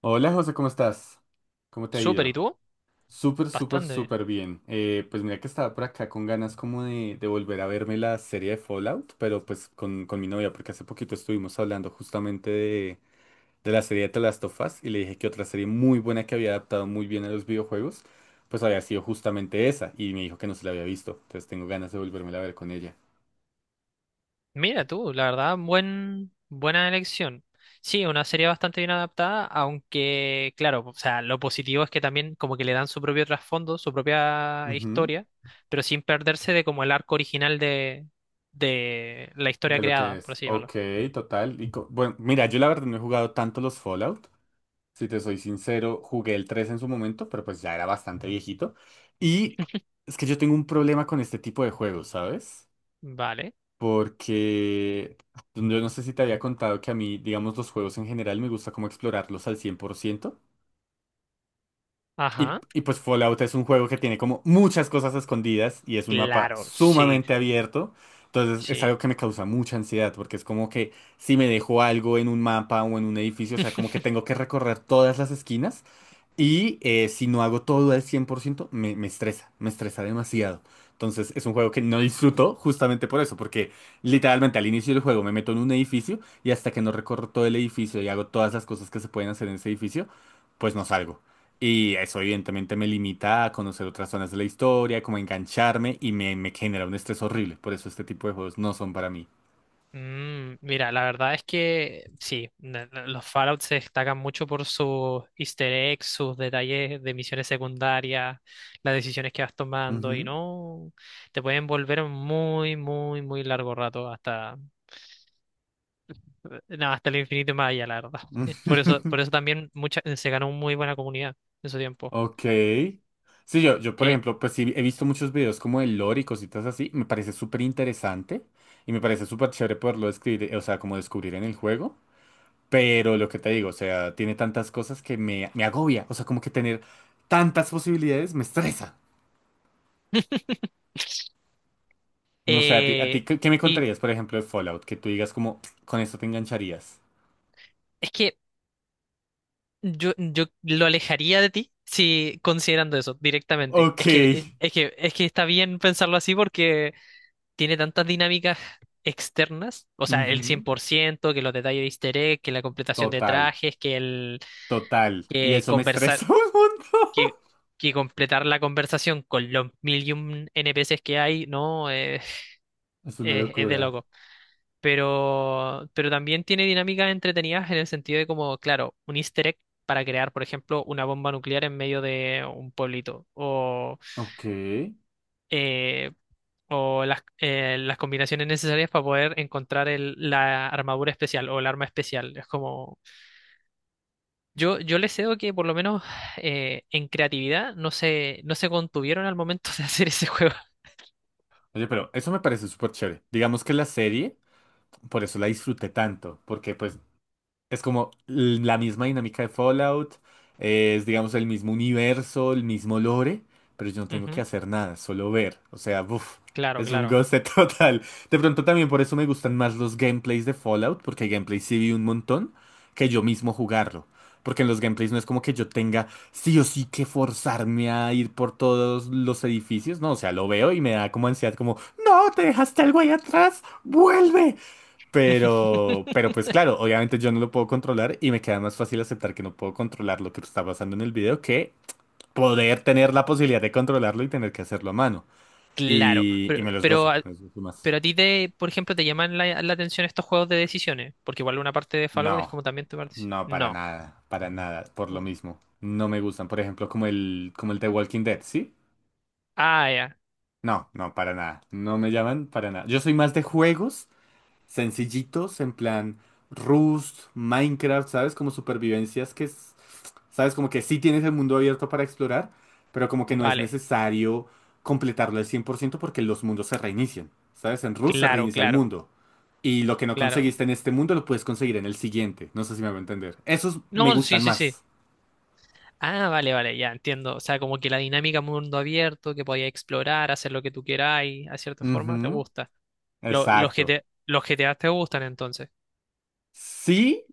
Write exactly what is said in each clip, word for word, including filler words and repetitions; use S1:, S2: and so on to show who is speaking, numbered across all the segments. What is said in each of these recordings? S1: Hola José, ¿cómo estás? ¿Cómo te ha
S2: Súper, ¿y
S1: ido?
S2: tú?
S1: Súper, súper,
S2: Bastante.
S1: súper bien. Eh, pues mira que estaba por acá con ganas como de, de volver a verme la serie de Fallout, pero pues con, con mi novia, porque hace poquito estuvimos hablando justamente de, de la serie de The Last of Us y le dije que otra serie muy buena que había adaptado muy bien a los videojuegos, pues había sido justamente esa y me dijo que no se la había visto, entonces tengo ganas de volvérmela a ver con ella.
S2: Mira tú, la verdad, buen, buena elección. Sí, una serie bastante bien adaptada, aunque, claro, o sea, lo positivo es que también como que le dan su propio trasfondo, su propia
S1: Ujú.
S2: historia, pero sin perderse de como el arco original de, de la historia
S1: De lo que
S2: creada, por
S1: es.
S2: así llamarlo.
S1: Ok, total. Y co- bueno, mira, yo la verdad no he jugado tanto los Fallout. Si te soy sincero, jugué el tres en su momento, pero pues ya era bastante viejito. Y es que yo tengo un problema con este tipo de juegos, ¿sabes?
S2: Vale.
S1: Porque yo no sé si te había contado que a mí, digamos, los juegos en general me gusta como explorarlos al cien por ciento. Y,
S2: Ajá.
S1: y pues Fallout es un juego que tiene como muchas cosas escondidas y es un mapa
S2: Claro, sí,
S1: sumamente abierto. Entonces es
S2: sí.
S1: algo que me causa mucha ansiedad porque es como que si me dejo algo en un mapa o en un edificio, o sea, como que tengo que recorrer todas las esquinas y eh, si no hago todo al cien por ciento me, me estresa, me estresa demasiado. Entonces es un juego que no disfruto justamente por eso, porque literalmente al inicio del juego me meto en un edificio y hasta que no recorro todo el edificio y hago todas las cosas que se pueden hacer en ese edificio, pues no salgo. Y eso evidentemente me limita a conocer otras zonas de la historia, como a engancharme y me, me genera un estrés horrible. Por eso este tipo de juegos no son para mí.
S2: Mm, mira, la verdad es que sí, na- na- los Fallout se destacan mucho por sus easter eggs, sus detalles de misiones secundarias, las decisiones que vas tomando y
S1: Ujú.
S2: no te pueden volver muy, muy, muy largo rato hasta, eh, no, hasta el infinito y más allá, la verdad. Por eso, por eso también mucha, se ganó muy buena comunidad en su tiempo.
S1: Ok. Sí, yo, yo, por
S2: Eh,
S1: ejemplo, pues sí, he visto muchos videos como el lore y cositas así. Me parece súper interesante y me parece súper chévere poderlo describir, eh, o sea, como descubrir en el juego. Pero lo que te digo, o sea, tiene tantas cosas que me, me agobia. O sea, como que tener tantas posibilidades me estresa. No sé, a ti, a
S2: eh,
S1: ti, ¿qué, qué me
S2: y
S1: contarías, por ejemplo, de Fallout? Que tú digas como, con esto te engancharías.
S2: es que Yo, yo lo alejaría de ti si considerando eso directamente.
S1: Ok.
S2: Es que, eh, es que, es que está bien pensarlo así porque tiene tantas dinámicas externas, o sea, el cien
S1: Ujú.
S2: por ciento que los detalles de easter egg, que la completación de
S1: Total,
S2: trajes, que el
S1: total. Y
S2: que
S1: eso me
S2: conversar,
S1: estresa un montón.
S2: que, que completar la conversación con los mil y un N P Cs que hay, no, eh,
S1: Es una
S2: es, es de
S1: locura.
S2: loco pero, pero también tiene dinámicas entretenidas en el sentido de como, claro, un easter egg para crear, por ejemplo, una bomba nuclear en medio de un pueblito, o,
S1: Ok. Oye,
S2: eh, o las, eh, las combinaciones necesarias para poder encontrar el- la armadura especial o el arma especial. Es como, yo, yo les cedo que por lo menos eh, en creatividad no se, no se contuvieron al momento de hacer ese juego.
S1: pero eso me parece súper chévere. Digamos que la serie, por eso la disfruté tanto, porque pues es como l- la misma dinámica de Fallout, eh, es digamos el mismo universo, el mismo lore, pero yo no tengo que
S2: Ujú.
S1: hacer nada, solo ver. O sea, buf,
S2: Claro,
S1: es un
S2: claro.
S1: goce total. De pronto también por eso me gustan más los gameplays de Fallout, porque hay gameplays sí vi un montón, que yo mismo jugarlo. Porque en los gameplays no es como que yo tenga sí o sí que forzarme a ir por todos los edificios, no, o sea, lo veo y me da como ansiedad, como, no, te dejaste al güey atrás, vuelve. Pero, pero pues claro, obviamente yo no lo puedo controlar y me queda más fácil aceptar que no puedo controlar lo que está pasando en el video que poder tener la posibilidad de controlarlo y tener que hacerlo a mano.
S2: Claro,
S1: Y, y
S2: pero,
S1: me los
S2: pero
S1: gozo,
S2: a-
S1: me los gozo más.
S2: pero a ti te, por ejemplo, te llaman la, la atención estos juegos de decisiones, porque igual una parte de Fallout es
S1: No,
S2: como también tu parte.
S1: no, para
S2: No.
S1: nada, para nada, por lo
S2: Mm.
S1: mismo. No me gustan, por ejemplo, como el, como el de Walking Dead, ¿sí?
S2: Ah, ya.
S1: No, no, para nada. No me llaman para nada. Yo soy más de juegos sencillitos, en plan Rust, Minecraft, ¿sabes? Como supervivencias que, es- ¿sabes? Como que sí tienes el mundo abierto para explorar, pero como que no es
S2: Vale.
S1: necesario completarlo al cien por ciento porque los mundos se reinician, ¿sabes? En Rust se
S2: Claro,
S1: reinicia el
S2: claro,
S1: mundo. Y lo que no
S2: claro.
S1: conseguiste en este mundo lo puedes conseguir en el siguiente. No sé si me va a entender. Esos me
S2: No, sí,
S1: gustan
S2: sí, sí.
S1: más.
S2: Ah, vale, vale, ya entiendo. O sea, como que la dinámica mundo abierto, que podías explorar, hacer lo que tú queráis, a cierta forma, te
S1: Ujú.
S2: gusta. Lo- los
S1: Exacto.
S2: G T A, los G T A te gustan entonces.
S1: Sí,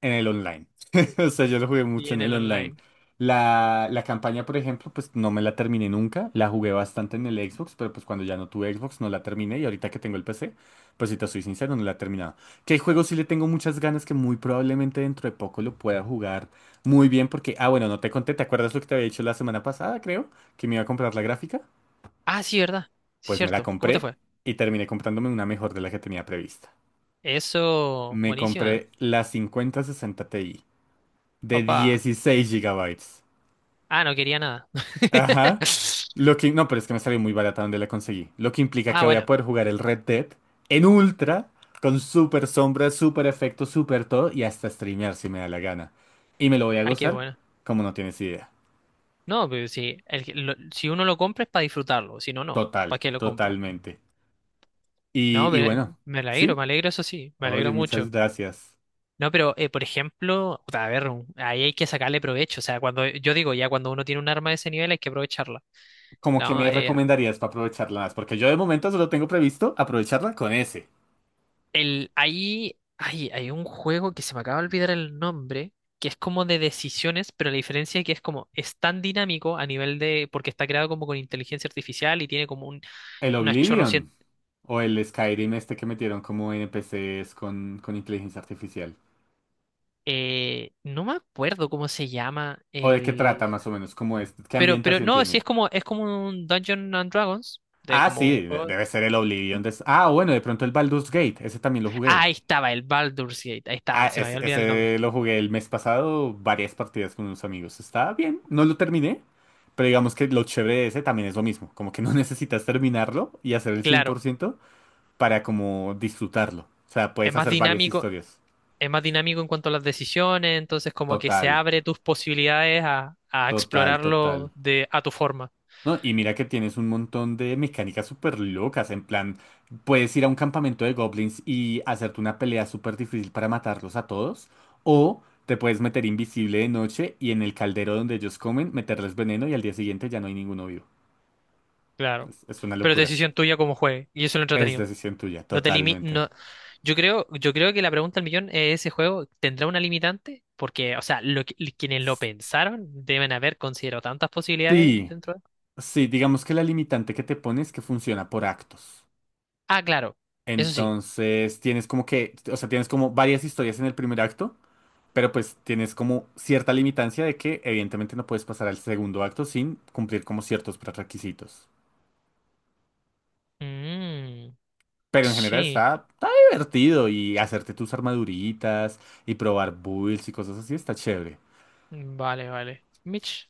S1: en el online. O sea, yo lo jugué
S2: Y
S1: mucho
S2: en
S1: en el
S2: el
S1: online.
S2: online.
S1: La, la campaña, por ejemplo, pues no me la terminé nunca. La jugué bastante en el Xbox, pero pues cuando ya no tuve Xbox no la terminé. Y ahorita que tengo el P C, pues si te soy sincero, no la he terminado. Que hay juegos sí le tengo muchas ganas que muy probablemente dentro de poco lo pueda jugar muy bien. Porque, ah, bueno, no te conté, ¿te acuerdas lo que te había dicho la semana pasada, creo? Que me iba a comprar la gráfica.
S2: Ah, sí, ¿verdad? Sí,
S1: Pues me la
S2: cierto. ¿Cómo te
S1: compré
S2: fue?
S1: y terminé comprándome una mejor de la que tenía prevista.
S2: Eso,
S1: Me
S2: buenísima.
S1: compré la cincuenta sesenta Ti. De
S2: Opa.
S1: dieciséis gigabytes.
S2: Ah, no quería nada.
S1: Ajá. Lo que... No, pero es que me salió muy barata donde la conseguí. Lo que implica
S2: Ah,
S1: que voy a
S2: bueno.
S1: poder jugar el Red Dead en ultra, con super sombra, super efecto, super todo, y hasta streamear si me da la gana. Y me lo voy a
S2: Ay, qué
S1: gozar
S2: bueno.
S1: como no tienes idea.
S2: No, pero si, el que- lo- si uno lo compra es para disfrutarlo, si no, no.
S1: Total,
S2: ¿Para qué lo compra?
S1: totalmente.
S2: No,
S1: Y, y
S2: me,
S1: bueno,
S2: me alegro,
S1: ¿sí?
S2: me alegro, eso sí, me alegro
S1: Oye, muchas
S2: mucho.
S1: gracias.
S2: No, pero eh, por ejemplo, puta, a ver, un- ahí hay que sacarle provecho. O sea, cuando yo digo, ya cuando uno tiene un arma de ese nivel hay que aprovecharla.
S1: ¿Cómo que
S2: No,
S1: me
S2: eh,
S1: recomendarías para aprovecharla más? Porque yo de momento solo tengo previsto aprovecharla con ese.
S2: el, ahí hay, hay un juego que se me acaba de olvidar el nombre, que es como de decisiones, pero la diferencia es que es como, es tan dinámico a nivel de, porque está creado como con inteligencia artificial y tiene como un,
S1: ¿El
S2: unas chorro.
S1: Oblivion? ¿O el Skyrim este que metieron como N P Cs con, con inteligencia artificial?
S2: Eh, no me acuerdo cómo se llama
S1: ¿O de qué
S2: el.
S1: trata más o menos? ¿Cómo es? ¿Qué
S2: Pero, pero
S1: ambientación
S2: no, sí
S1: tiene?
S2: es como, es como un Dungeons and Dragons. De
S1: Ah,
S2: como
S1: sí,
S2: un
S1: de-
S2: juego.
S1: debe ser el Oblivion. de- Ah, bueno, de pronto el Baldur's Gate, ese también lo
S2: Ah,
S1: jugué.
S2: ahí estaba, el Baldur's Gate. Ahí
S1: Ah,
S2: está, se me
S1: es-
S2: había olvidado el nombre.
S1: ese lo jugué el mes pasado, varias partidas con unos amigos. Está bien, no lo terminé, pero digamos que lo chévere de ese también es lo mismo, como que no necesitas terminarlo y hacer el cien por
S2: Claro,
S1: ciento para como disfrutarlo. O sea,
S2: es
S1: puedes
S2: más
S1: hacer varias
S2: dinámico,
S1: historias.
S2: es más dinámico en cuanto a las decisiones, entonces como que se
S1: Total.
S2: abre tus posibilidades a, a
S1: Total, total.
S2: explorarlo de, a tu forma.
S1: No, y mira que tienes un montón de mecánicas súper locas. En plan, puedes ir a un campamento de goblins y hacerte una pelea súper difícil para matarlos a todos. O te puedes meter invisible de noche y en el caldero donde ellos comen, meterles veneno y al día siguiente ya no hay ninguno vivo.
S2: Claro.
S1: Es, es una
S2: Pero es
S1: locura.
S2: decisión tuya como juegue. Y eso es lo
S1: Es
S2: entretenido.
S1: decisión tuya,
S2: No te limi-
S1: totalmente.
S2: no. Yo creo, yo creo que la pregunta del millón es ese juego tendrá una limitante, porque, o sea, lo que- quienes lo pensaron deben haber considerado tantas posibilidades
S1: Sí,
S2: dentro de...
S1: sí, digamos que la limitante que te pones que funciona por actos.
S2: Ah, claro, eso sí.
S1: Entonces, tienes como que, o sea, tienes como varias historias en el primer acto. Pero pues tienes como cierta limitancia de que evidentemente no puedes pasar al segundo acto sin cumplir como ciertos prerequisitos.
S2: Mm,
S1: Pero en general
S2: sí,
S1: está, está divertido y hacerte tus armaduritas y probar builds y cosas así está chévere.
S2: vale, vale. Mitch,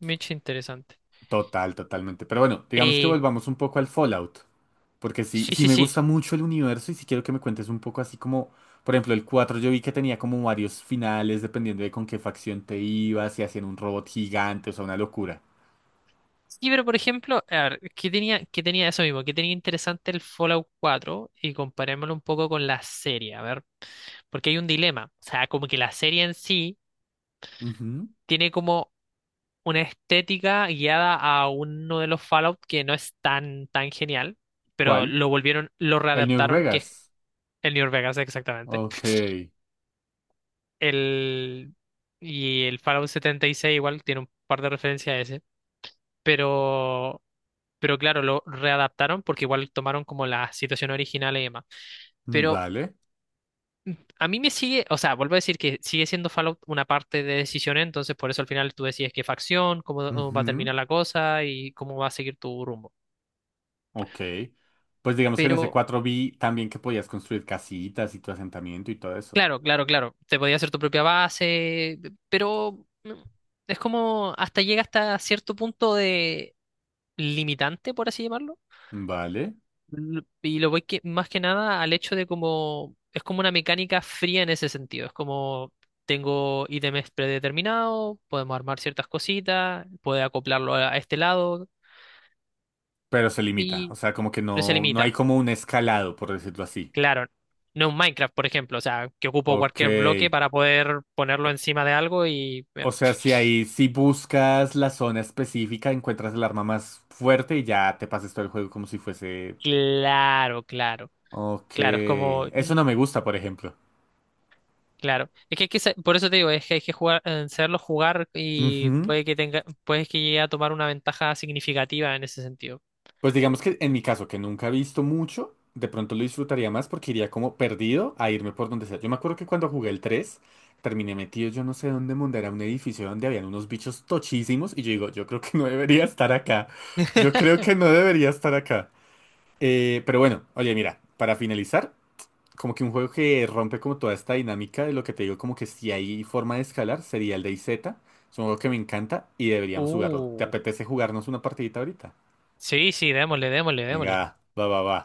S2: Mitch, interesante.
S1: Total, totalmente. Pero bueno, digamos que
S2: Eh,
S1: volvamos un poco al Fallout. Porque sí,
S2: sí,
S1: sí
S2: sí,
S1: me
S2: sí.
S1: gusta mucho el universo y sí quiero que me cuentes un poco así como, por ejemplo, el cuatro yo vi que tenía como varios finales dependiendo de con qué facción te ibas, si hacían un robot gigante, o sea, una locura.
S2: Sí, pero por ejemplo, a ver, ¿qué tenía, qué tenía eso mismo? ¿Qué tenía interesante el Fallout cuatro? Y comparémoslo un poco con la serie, a ver, porque hay un dilema. O sea, como que la serie en sí
S1: Ujú.
S2: tiene como una estética guiada a uno de los Fallout que no es tan, tan genial, pero
S1: ¿Cuál?
S2: lo volvieron, lo
S1: El New
S2: readaptaron, que es
S1: Vegas.
S2: el New Vegas exactamente.
S1: Ok.
S2: El, y el Fallout setenta y seis igual tiene un par de referencias a ese, pero, pero claro, lo readaptaron porque igual tomaron como la situación original y demás. Pero
S1: Vale.
S2: a mí me sigue, o sea, vuelvo a decir que sigue siendo Fallout una parte de decisiones, entonces por eso al final tú decides qué facción, cómo va a
S1: Ujú.
S2: terminar la cosa y cómo va a seguir tu rumbo.
S1: Ok. Pues digamos que en ese
S2: Pero
S1: cuatro vi también que podías construir casitas y tu asentamiento y todo eso.
S2: claro, claro, claro. Te podía hacer tu propia base, pero mm, es como hasta llega hasta cierto punto de limitante, por así llamarlo.
S1: Vale.
S2: L- Y lo voy que, más que nada al hecho de como es como una mecánica fría en ese sentido. Es como tengo ítems predeterminados, podemos armar ciertas cositas, puede acoplarlo a a este lado
S1: Pero se limita. O
S2: y
S1: sea, como que
S2: pero se
S1: no, no hay
S2: limita.
S1: como un escalado, por decirlo así.
S2: Claro, no un Minecraft, por ejemplo, o sea, que ocupo
S1: Ok.
S2: cualquier bloque para poder
S1: O,
S2: ponerlo encima de algo y eh,
S1: o sea, si ahí, si buscas la zona específica, encuentras el arma más fuerte y ya te pasas todo el juego como si fuese...
S2: claro, claro,
S1: Ok.
S2: claro, es como,
S1: Eso
S2: mm,
S1: no me gusta, por ejemplo.
S2: claro, es que, hay que sa- por eso te digo, es que hay que jugar, eh, saberlo jugar y
S1: Ujú.
S2: puede que tenga, puede que llegue a tomar una ventaja significativa en ese sentido.
S1: Pues digamos que en mi caso, que nunca he visto mucho, de pronto lo disfrutaría más porque iría como perdido a irme por donde sea. Yo me acuerdo que cuando jugué el tres terminé metido yo no sé dónde monda, era un edificio donde habían unos bichos tochísimos y yo digo, yo creo que no debería estar acá. Yo creo que no debería estar acá. Eh, pero bueno, oye, mira, para finalizar, como que un juego que rompe como toda esta dinámica de lo que te digo, como que si hay forma de escalar, sería el DayZ. Es un juego que me encanta y deberíamos jugarlo. ¿Te
S2: Uh,
S1: apetece jugarnos una partidita ahorita?
S2: sí, sí, démosle, démosle,
S1: Venga,
S2: démosle.
S1: va, va, va.